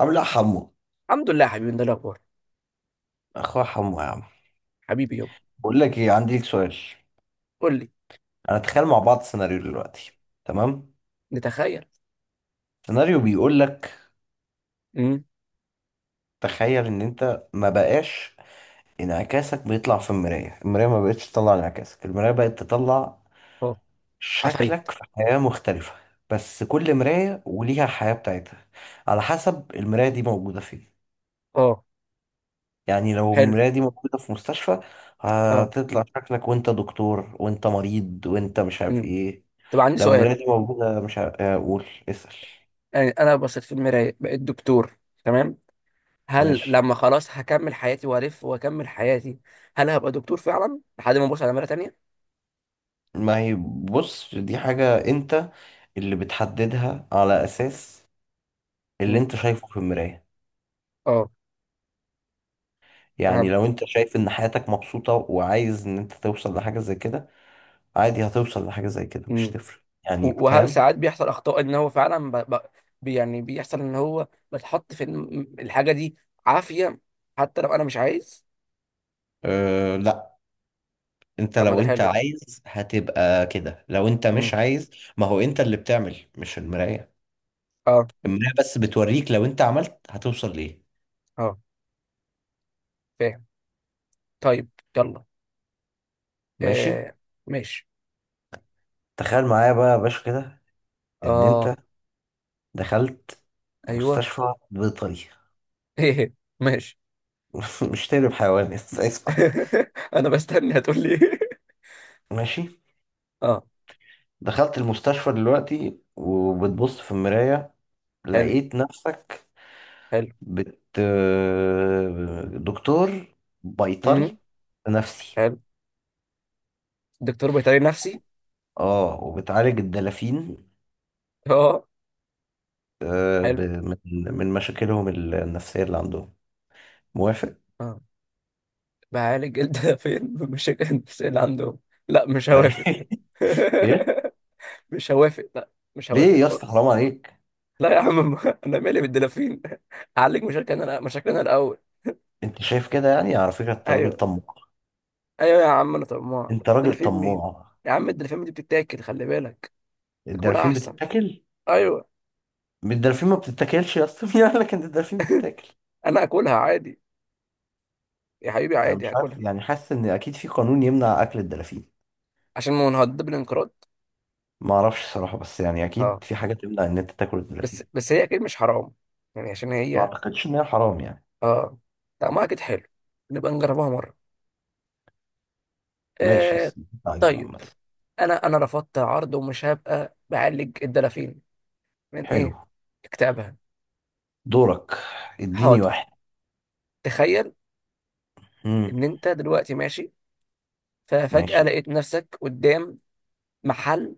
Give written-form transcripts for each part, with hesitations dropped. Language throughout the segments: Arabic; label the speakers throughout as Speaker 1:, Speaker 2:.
Speaker 1: عامل ايه يا حمو؟
Speaker 2: الحمد لله يا حبيبي، ده الاخبار.
Speaker 1: اخويا حمو يا عم.
Speaker 2: حبيبي يابا.
Speaker 1: بقول لك ايه؟ عندي لك سؤال.
Speaker 2: قول لي.
Speaker 1: انا تخيل مع بعض سيناريو دلوقتي. تمام.
Speaker 2: نتخيل.
Speaker 1: سيناريو بيقول لك:
Speaker 2: امم.
Speaker 1: تخيل ان انت ما بقاش. انعكاسك بيطلع في المرايه ما بقتش تطلع انعكاسك، المرايه بقت تطلع
Speaker 2: اه. عفاريت.
Speaker 1: شكلك في حياه مختلفه. بس كل مرايه وليها حياه بتاعتها، على حسب المرايه دي موجوده فين.
Speaker 2: اه.
Speaker 1: يعني لو
Speaker 2: حلو.
Speaker 1: المرايه دي موجوده في مستشفى،
Speaker 2: اه.
Speaker 1: هتطلع شكلك وانت دكتور وانت مريض وانت مش عارف
Speaker 2: امم.
Speaker 1: ايه.
Speaker 2: طب، عندي
Speaker 1: لو
Speaker 2: سؤال.
Speaker 1: مراتي موجودة مش هقول اسأل.
Speaker 2: يعني انا بصيت في المرايه بقيت دكتور. تمام. هل
Speaker 1: ماشي.
Speaker 2: لما خلاص هكمل حياتي والف واكمل حياتي، هل هبقى دكتور فعلا لحد ما ابص على مرايه تانية؟
Speaker 1: ما هي، بص دي حاجة انت اللي بتحددها على اساس اللي
Speaker 2: امم.
Speaker 1: انت شايفه في المراية.
Speaker 2: اه.
Speaker 1: يعني لو
Speaker 2: فهمت.
Speaker 1: انت شايف ان حياتك مبسوطة وعايز ان انت توصل لحاجة زي كده، عادي هتوصل لحاجة زي كده، مش
Speaker 2: امم.
Speaker 1: تفرق. يعني
Speaker 2: وهل
Speaker 1: فاهم؟
Speaker 2: ساعات بيحصل اخطاء ان هو فعلا يعني بيحصل ان هو بتحط في الحاجه دي عافيه حتى لو انا مش عايز.
Speaker 1: أه لا. انت
Speaker 2: طب ما ده
Speaker 1: لو انت
Speaker 2: حلو ده.
Speaker 1: عايز هتبقى كده، لو انت مش
Speaker 2: امم.
Speaker 1: عايز، ما هو انت اللي بتعمل مش المراية.
Speaker 2: اه.
Speaker 1: المراية بس بتوريك لو انت عملت هتوصل ليه.
Speaker 2: اه. فاهم. طيب. يلا.
Speaker 1: ماشي.
Speaker 2: آه. ماشي.
Speaker 1: تخيل معايا بقى يا باشا كده ان
Speaker 2: اه.
Speaker 1: انت دخلت
Speaker 2: ايوه.
Speaker 1: مستشفى بيطري.
Speaker 2: ايه. ماشي.
Speaker 1: مش تقلب حيوان، اسمع.
Speaker 2: انا بستني هتقول لي إيه.
Speaker 1: ماشي.
Speaker 2: اه.
Speaker 1: دخلت المستشفى دلوقتي وبتبص في المراية،
Speaker 2: حلو
Speaker 1: لقيت نفسك
Speaker 2: حلو.
Speaker 1: بت دكتور بيطري
Speaker 2: امم.
Speaker 1: نفسي.
Speaker 2: حلو، دكتور بيطري نفسي.
Speaker 1: اه، وبتعالج الدلافين
Speaker 2: اه
Speaker 1: آه، ب-
Speaker 2: حلو
Speaker 1: من من مشاكلهم النفسية اللي عندهم. موافق؟
Speaker 2: اه. بعالج الدافين بمشاكل النفسية اللي عندهم. لا، مش هوافق.
Speaker 1: ايه؟
Speaker 2: مش هوافق، لا. مش هوافق
Speaker 1: ليه يا اسطى،
Speaker 2: خالص.
Speaker 1: حرام عليك؟
Speaker 2: لا يا عم، انا مالي بالدلافين. اعالج مشاكلنا انا، مشاكلنا الاول.
Speaker 1: انت شايف كده؟ يعني على فكرة انت راجل
Speaker 2: ايوه.
Speaker 1: طماع.
Speaker 2: ايوه يا عم، انا طماع.
Speaker 1: انت راجل
Speaker 2: دلافين مين؟
Speaker 1: طماع.
Speaker 2: يا عم الدلافين دي بتتاكل، خلي بالك. ناكلها
Speaker 1: الدلافين
Speaker 2: احسن.
Speaker 1: بتتاكل؟
Speaker 2: ايوه.
Speaker 1: الدلافين ما بتتاكلش يا اسطى. مين قال لك ان الدلافين بتتاكل؟
Speaker 2: انا اكلها عادي. يا حبيبي
Speaker 1: انا
Speaker 2: عادي
Speaker 1: مش عارف
Speaker 2: هاكلها.
Speaker 1: يعني، حاسس ان اكيد في قانون يمنع اكل الدلافين.
Speaker 2: عشان ما نهدد بالانقراض.
Speaker 1: ما اعرفش الصراحه، بس يعني
Speaker 2: اه،
Speaker 1: اكيد في حاجه تمنع ان انت تاكل
Speaker 2: بس
Speaker 1: الدلافين.
Speaker 2: بس هي اكيد مش حرام. يعني عشان
Speaker 1: ما
Speaker 2: هي.
Speaker 1: اعتقدش ان هي حرام يعني.
Speaker 2: اه. طعمها اكيد حلو. نبقى نجربها مره.
Speaker 1: ماشي،
Speaker 2: آه.
Speaker 1: بس اللي أنت عايزه
Speaker 2: طيب.
Speaker 1: عامه.
Speaker 2: انا رفضت عرض ومش هبقى بعالج الدلافين. من
Speaker 1: حلو.
Speaker 2: ايه؟ اكتئابها.
Speaker 1: دورك. اديني
Speaker 2: حاضر.
Speaker 1: واحد.
Speaker 2: تخيل
Speaker 1: امم.
Speaker 2: ان انت دلوقتي ماشي. ففجأة
Speaker 1: ماشي.
Speaker 2: لقيت نفسك قدام محل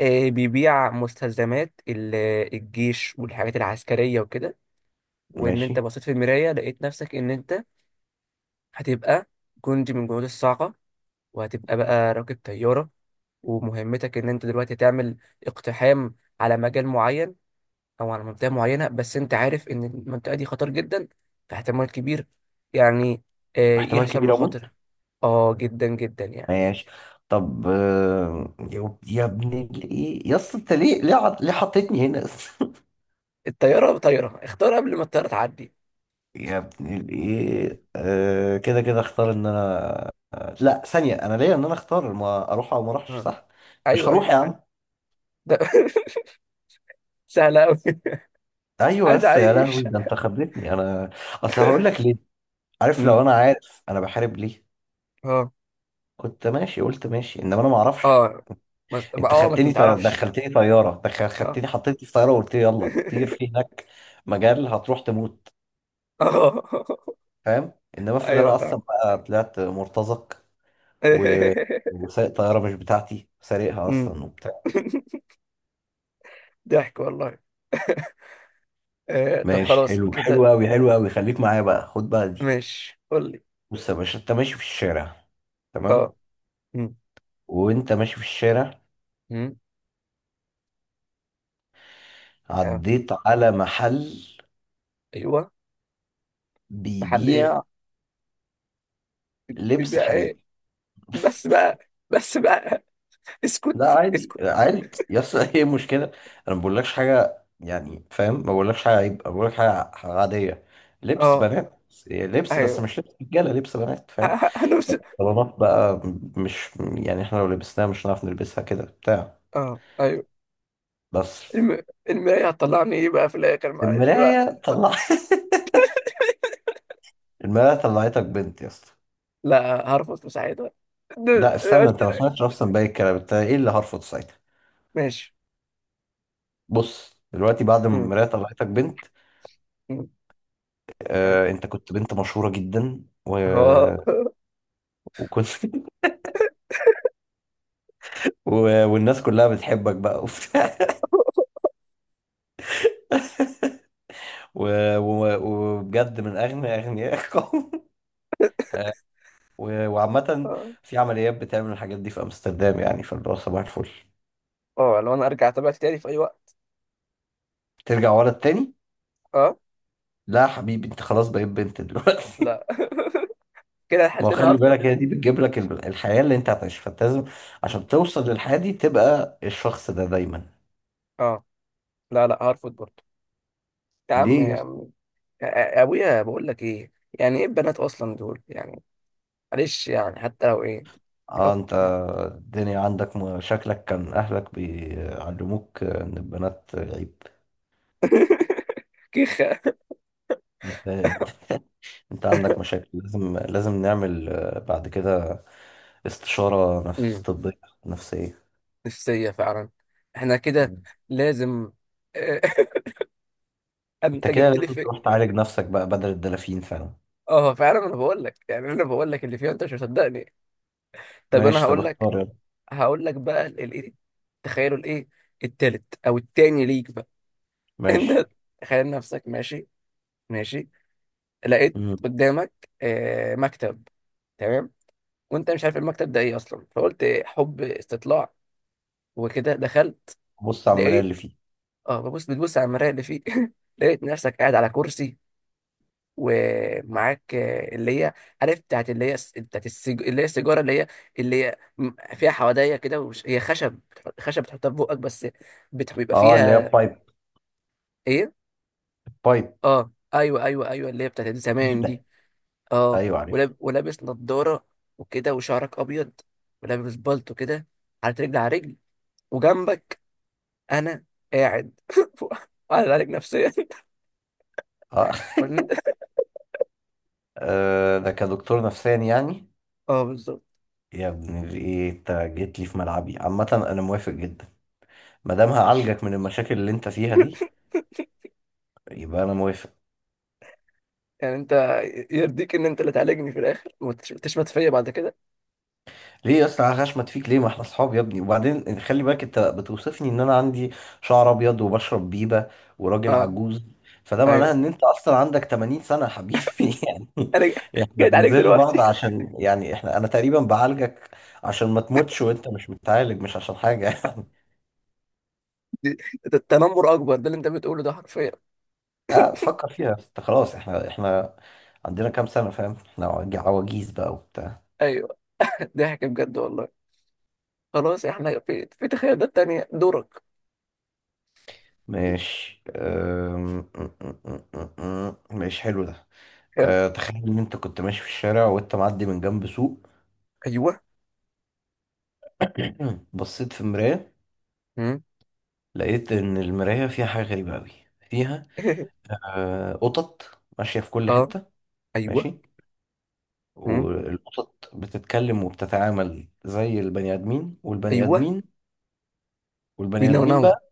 Speaker 2: بيبيع مستلزمات الجيش والحاجات العسكرية وكده. وان انت
Speaker 1: ماشي.
Speaker 2: بصيت في المرايه، لقيت نفسك ان انت هتبقى جندي من جنود الصاعقه. وهتبقى بقى راكب طياره ومهمتك ان انت دلوقتي تعمل اقتحام على مجال معين او على منطقه معينه، بس انت عارف ان المنطقه دي خطر جدا. في احتمال كبير يعني
Speaker 1: واحتمال
Speaker 2: يحصل
Speaker 1: كبير اموت؟
Speaker 2: مخاطر. اه، جدا جدا يعني.
Speaker 1: ماشي. طب يا ابن ايه يا اسطى، انت ليه؟ ليه حطيتني هنا؟
Speaker 2: طياره، اختار قبل ما الطياره تعدي.
Speaker 1: يا ابن الايه، آه كده اختار ان انا. لا ثانية، انا ليا ان انا اختار ما اروح او ما اروحش،
Speaker 2: آه.
Speaker 1: صح؟ مش
Speaker 2: ايوه
Speaker 1: هروح
Speaker 2: ايوه.
Speaker 1: يا عم.
Speaker 2: ده سهله قوي.
Speaker 1: ايوه،
Speaker 2: عايز
Speaker 1: بس يا لهوي
Speaker 2: اعيش.
Speaker 1: ده انت خبرتني انا. اصل هقول لك ليه. عارف لو
Speaker 2: مم.
Speaker 1: انا عارف انا بحارب ليه،
Speaker 2: اه
Speaker 1: كنت ماشي قلت ماشي، انما انا ما اعرفش.
Speaker 2: اه. ما-
Speaker 1: انت
Speaker 2: اه، ما انت
Speaker 1: خدتني طيارة،
Speaker 2: متعرفش.
Speaker 1: دخلتني طيارة دخل
Speaker 2: اه.
Speaker 1: خدتني حطيتني في طيارة وقلت لي يلا طير في هناك مجال هتروح تموت.
Speaker 2: اه،
Speaker 1: فاهم؟ انما افرض
Speaker 2: ايوه
Speaker 1: انا اصلا
Speaker 2: فعلا.
Speaker 1: بقى طلعت مرتزق و... وسايق طيارة مش بتاعتي، سارقها
Speaker 2: أمم.
Speaker 1: اصلا وبتاع.
Speaker 2: ضحك والله. طب
Speaker 1: ماشي،
Speaker 2: خلاص
Speaker 1: حلو. حلو
Speaker 2: كده.
Speaker 1: قوي، حلو قوي. خليك معايا بقى، خد بقى دي.
Speaker 2: ماشي، قول لي.
Speaker 1: بص يا باشا انت ماشي في الشارع. تمام.
Speaker 2: اه. أمم.
Speaker 1: وانت ماشي في الشارع،
Speaker 2: أمم. آه،
Speaker 1: عديت على محل
Speaker 2: ايوه. محل ايه؟
Speaker 1: بيبيع لبس
Speaker 2: بيبيع ايه؟
Speaker 1: حريمي.
Speaker 2: بس بقى، بس بقى.
Speaker 1: لا
Speaker 2: اسكت
Speaker 1: عادي،
Speaker 2: اسكت.
Speaker 1: عادي يا اسطى. ايه المشكله؟ انا ما بقولكش حاجه يعني، فاهم؟ ما بقولكش حاجه عيب، أنا بقولك حاجه عاديه. لبس
Speaker 2: اه،
Speaker 1: بنات. لبس، بس
Speaker 2: ايوه.
Speaker 1: مش لبس رجاله، لبس بنات، فاهم؟
Speaker 2: هنوصل.
Speaker 1: طالما بقى مش يعني احنا لو لبسناها مش هنعرف نلبسها كده بتاع.
Speaker 2: اه، ايوه.
Speaker 1: بس،
Speaker 2: الم... المراية هتطلعني ايه بقى في الاخر، معلش بقى؟
Speaker 1: المراية طلع المراية طلعتك بنت يا اسطى.
Speaker 2: لا، هرفض مساعدة.
Speaker 1: لا استنى،
Speaker 2: قلت
Speaker 1: انت ما
Speaker 2: لك.
Speaker 1: سمعتش اصلا باقي الكلام. انت ايه اللي هرفض ساعتها؟
Speaker 2: ماشي.
Speaker 1: بص دلوقتي بعد ما
Speaker 2: أمم.
Speaker 1: المراية طلعتك بنت،
Speaker 2: أمم. حلو.
Speaker 1: آه انت كنت بنت مشهورة جدا، و...
Speaker 2: اه.
Speaker 1: وكنت و... والناس كلها بتحبك بقى وبتاع. و... و... وبجد من اغنى اغنياء القوم. آه، و... وعامة
Speaker 2: اه.
Speaker 1: في عمليات بتعمل الحاجات دي في امستردام، يعني فاللي هو صباح الفل.
Speaker 2: اه، لو انا ارجع اتابع تاني في اي وقت.
Speaker 1: ترجع ورا التاني؟
Speaker 2: اه.
Speaker 1: لا يا حبيبي، انت خلاص بقيت بنت دلوقتي.
Speaker 2: لا. كده
Speaker 1: ما هو
Speaker 2: الحالتين
Speaker 1: خلي
Speaker 2: هرفض.
Speaker 1: بالك هي دي بتجيب لك الحياة اللي انت هتعيشها، فانت لازم عشان توصل للحياة دي تبقى الشخص ده دايما.
Speaker 2: اه، لا لا هرفض برضه. يا عم
Speaker 1: ليه
Speaker 2: يا عم. يا ابويا، بقول لك ايه؟ يعني ايه البنات اصلا دول يعني؟ معلش يعني حتى لو ايه.
Speaker 1: اه؟
Speaker 2: لو.
Speaker 1: انت الدنيا عندك شكلك كان اهلك بيعلموك ان البنات عيب.
Speaker 2: كيخه.
Speaker 1: انت انت عندك مشاكل، لازم لازم نعمل بعد كده استشارة نفس
Speaker 2: أمم.
Speaker 1: طبية، نفسية.
Speaker 2: نفسيه فعلا. احنا كده
Speaker 1: مم.
Speaker 2: لازم.
Speaker 1: انت
Speaker 2: انت
Speaker 1: كده
Speaker 2: جبت لي
Speaker 1: لازم
Speaker 2: في.
Speaker 1: تروح تعالج نفسك بقى بدل الدلافين فعلا.
Speaker 2: اه فعلا، انا بقول لك يعني انا بقول لك اللي فيها انت مش مصدقني. طب انا
Speaker 1: ماشي طب
Speaker 2: هقول
Speaker 1: اختار
Speaker 2: لك.
Speaker 1: يلا.
Speaker 2: هقول لك بقى الايه. تخيلوا الايه. التالت او التاني ليك بقى.
Speaker 1: ماشي.
Speaker 2: انت تخيل نفسك ماشي. ماشي. لقيت
Speaker 1: مم.
Speaker 2: قدامك مكتب. تمام. وانت مش عارف المكتب ده ايه اصلا، فقلت حب استطلاع. وكده دخلت.
Speaker 1: بص على المراية اللي
Speaker 2: لقيت.
Speaker 1: فيه.
Speaker 2: اه، بتبص على المرايه اللي فيه. لقيت نفسك قاعد على كرسي ومعاك اللي هي عارف بتاعت اللي هي بتاعت اللي هي السيجاره اللي هي اللي هي فيها حوادية كده هي خشب. خشب بتحطها في بقك بس. بيبقى
Speaker 1: اه اللي هي
Speaker 2: فيها.
Speaker 1: بايب.
Speaker 2: ايه؟
Speaker 1: بايب.
Speaker 2: اه، ايوه ايوه ايوه، اللي هي بتاعت زمان
Speaker 1: بيبة.
Speaker 2: دي. اه،
Speaker 1: ايوه عارف.
Speaker 2: ولابس نضارة وكده وشعرك أبيض. ولابس بالطو كده، حاطط رجل على رجل. وجنبك أنا قاعد وقاعد عليك نفسيا.
Speaker 1: اه
Speaker 2: وإن أنت.
Speaker 1: ده كدكتور نفساني يعني.
Speaker 2: اه، بالظبط.
Speaker 1: يا ابن الايه انت جيت لي في ملعبي، عامة انا موافق جدا. ما دام
Speaker 2: ماشي.
Speaker 1: هعالجك من المشاكل اللي انت فيها دي، يبقى انا موافق.
Speaker 2: يعني أنت يرضيك إن أنت اللي تعالجني في الآخر وتشمت فيا بعد كده؟
Speaker 1: ليه يا اسطى هشمت فيك ليه؟ ما احنا اصحاب يا ابني. وبعدين خلي بالك انت بتوصفني ان انا عندي شعر ابيض وبشرب بيبة وراجل
Speaker 2: اه،
Speaker 1: عجوز. فده معناه
Speaker 2: أيوه.
Speaker 1: ان انت اصلا عندك 80 سنة يا حبيبي. يعني
Speaker 2: أنا
Speaker 1: احنا
Speaker 2: جيت عليك
Speaker 1: بنذل بعض
Speaker 2: دلوقتي.
Speaker 1: عشان يعني انا تقريبا بعالجك عشان ما تموتش وانت مش متعالج، مش عشان حاجة يعني.
Speaker 2: دي- ده التنمر أكبر، ده اللي أنت بتقوله ده حرفيا.
Speaker 1: اه فكر فيها انت. خلاص احنا عندنا كام سنة؟ فاهم احنا عواجيز بقى وبتاع.
Speaker 2: أيوه. ضحك بجد والله. خلاص، إحنا في تخيلات تانية. دورك.
Speaker 1: ماشي. أم، أم، أم، أم، أم. ماشي، حلو ده.
Speaker 2: حلو.
Speaker 1: تخيل ان انت كنت ماشي في الشارع وانت معدي من جنب سوق.
Speaker 2: أيوه.
Speaker 1: بصيت في المراية،
Speaker 2: مم.
Speaker 1: لقيت ان المراية فيها حاجة غريبة قوي، فيها قطط ماشية في كل
Speaker 2: اه.
Speaker 1: حتة.
Speaker 2: ايوه.
Speaker 1: ماشي.
Speaker 2: مم.
Speaker 1: والقطط بتتكلم وبتتعامل زي البني ادمين، والبني
Speaker 2: ايوه.
Speaker 1: ادمين
Speaker 2: بينا وناو.
Speaker 1: بقى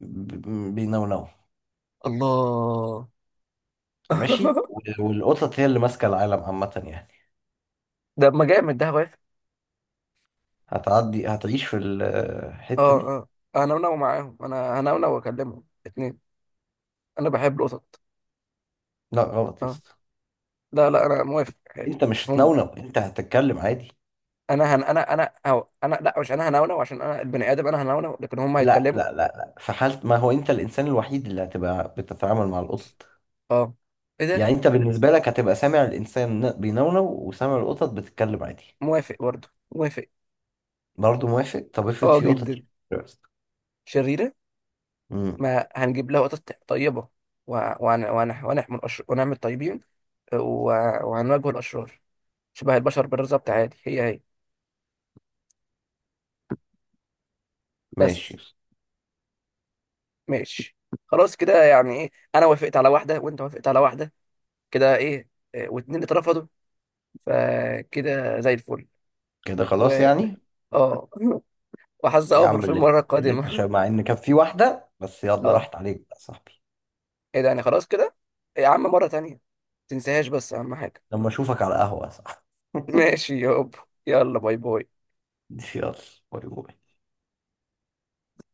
Speaker 1: ب- بينونوا.
Speaker 2: الله.
Speaker 1: ماشي و- والقطط هي اللي ماسكة العالم عامة يعني.
Speaker 2: ده، ما جامد ده، واقف.
Speaker 1: هتعدي هتعيش في الحتة
Speaker 2: اه.
Speaker 1: دي؟
Speaker 2: اه انا وناو معاهم، انا هنونو واكلمهم اتنين. انا بحب القطط.
Speaker 1: لا غلط يا
Speaker 2: اه،
Speaker 1: اسطى.
Speaker 2: لا لا انا موافق عادي.
Speaker 1: انت مش
Speaker 2: هم.
Speaker 1: هتنونو، انت هتتكلم عادي.
Speaker 2: انا أو انا، لا، مش انا هنونو عشان انا البني ادم انا هنونو لكن هم
Speaker 1: لا
Speaker 2: هيتكلموا.
Speaker 1: لا لا لا، في حالة ما هو انت الانسان الوحيد اللي هتبقى بتتعامل مع القطط.
Speaker 2: اه. ايه ده؟
Speaker 1: يعني انت بالنسبة لك هتبقى سامع الانسان بينونو وسامع القطط بتتكلم عادي.
Speaker 2: موافق برضه. موافق.
Speaker 1: برضه موافق؟ طب افرض
Speaker 2: اه،
Speaker 1: في قطط.
Speaker 2: جدا. شريره.
Speaker 1: امم.
Speaker 2: ما هنجيب لها قطط طيبه. وهنعمل ونعمل طيبين. و- وهنواجه الاشرار. شبه البشر بالظبط، عادي، هي هي.
Speaker 1: ماشي
Speaker 2: بس.
Speaker 1: يا اسطى.
Speaker 2: ماشي. خلاص كده، يعني ايه؟ انا وافقت على واحده وانت وافقت على واحده. كده، ايه؟ واتنين اللي اترفضوا، فكده زي الفل.
Speaker 1: كده خلاص
Speaker 2: و
Speaker 1: يعني.
Speaker 2: اه وحظ
Speaker 1: يا
Speaker 2: اوفر
Speaker 1: عم
Speaker 2: في المره
Speaker 1: اللي انت
Speaker 2: القادمه.
Speaker 1: شايف، مع ان كان في واحدة بس يلا
Speaker 2: اه.
Speaker 1: راحت عليك بقى يا صاحبي.
Speaker 2: ايه ده؟ يعني خلاص كده. يا عم مره تانية، تنساهاش بس اهم حاجه.
Speaker 1: لما اشوفك على قهوة، صح.
Speaker 2: ماشي يابا. يلا باي باي.
Speaker 1: يلا باي باي.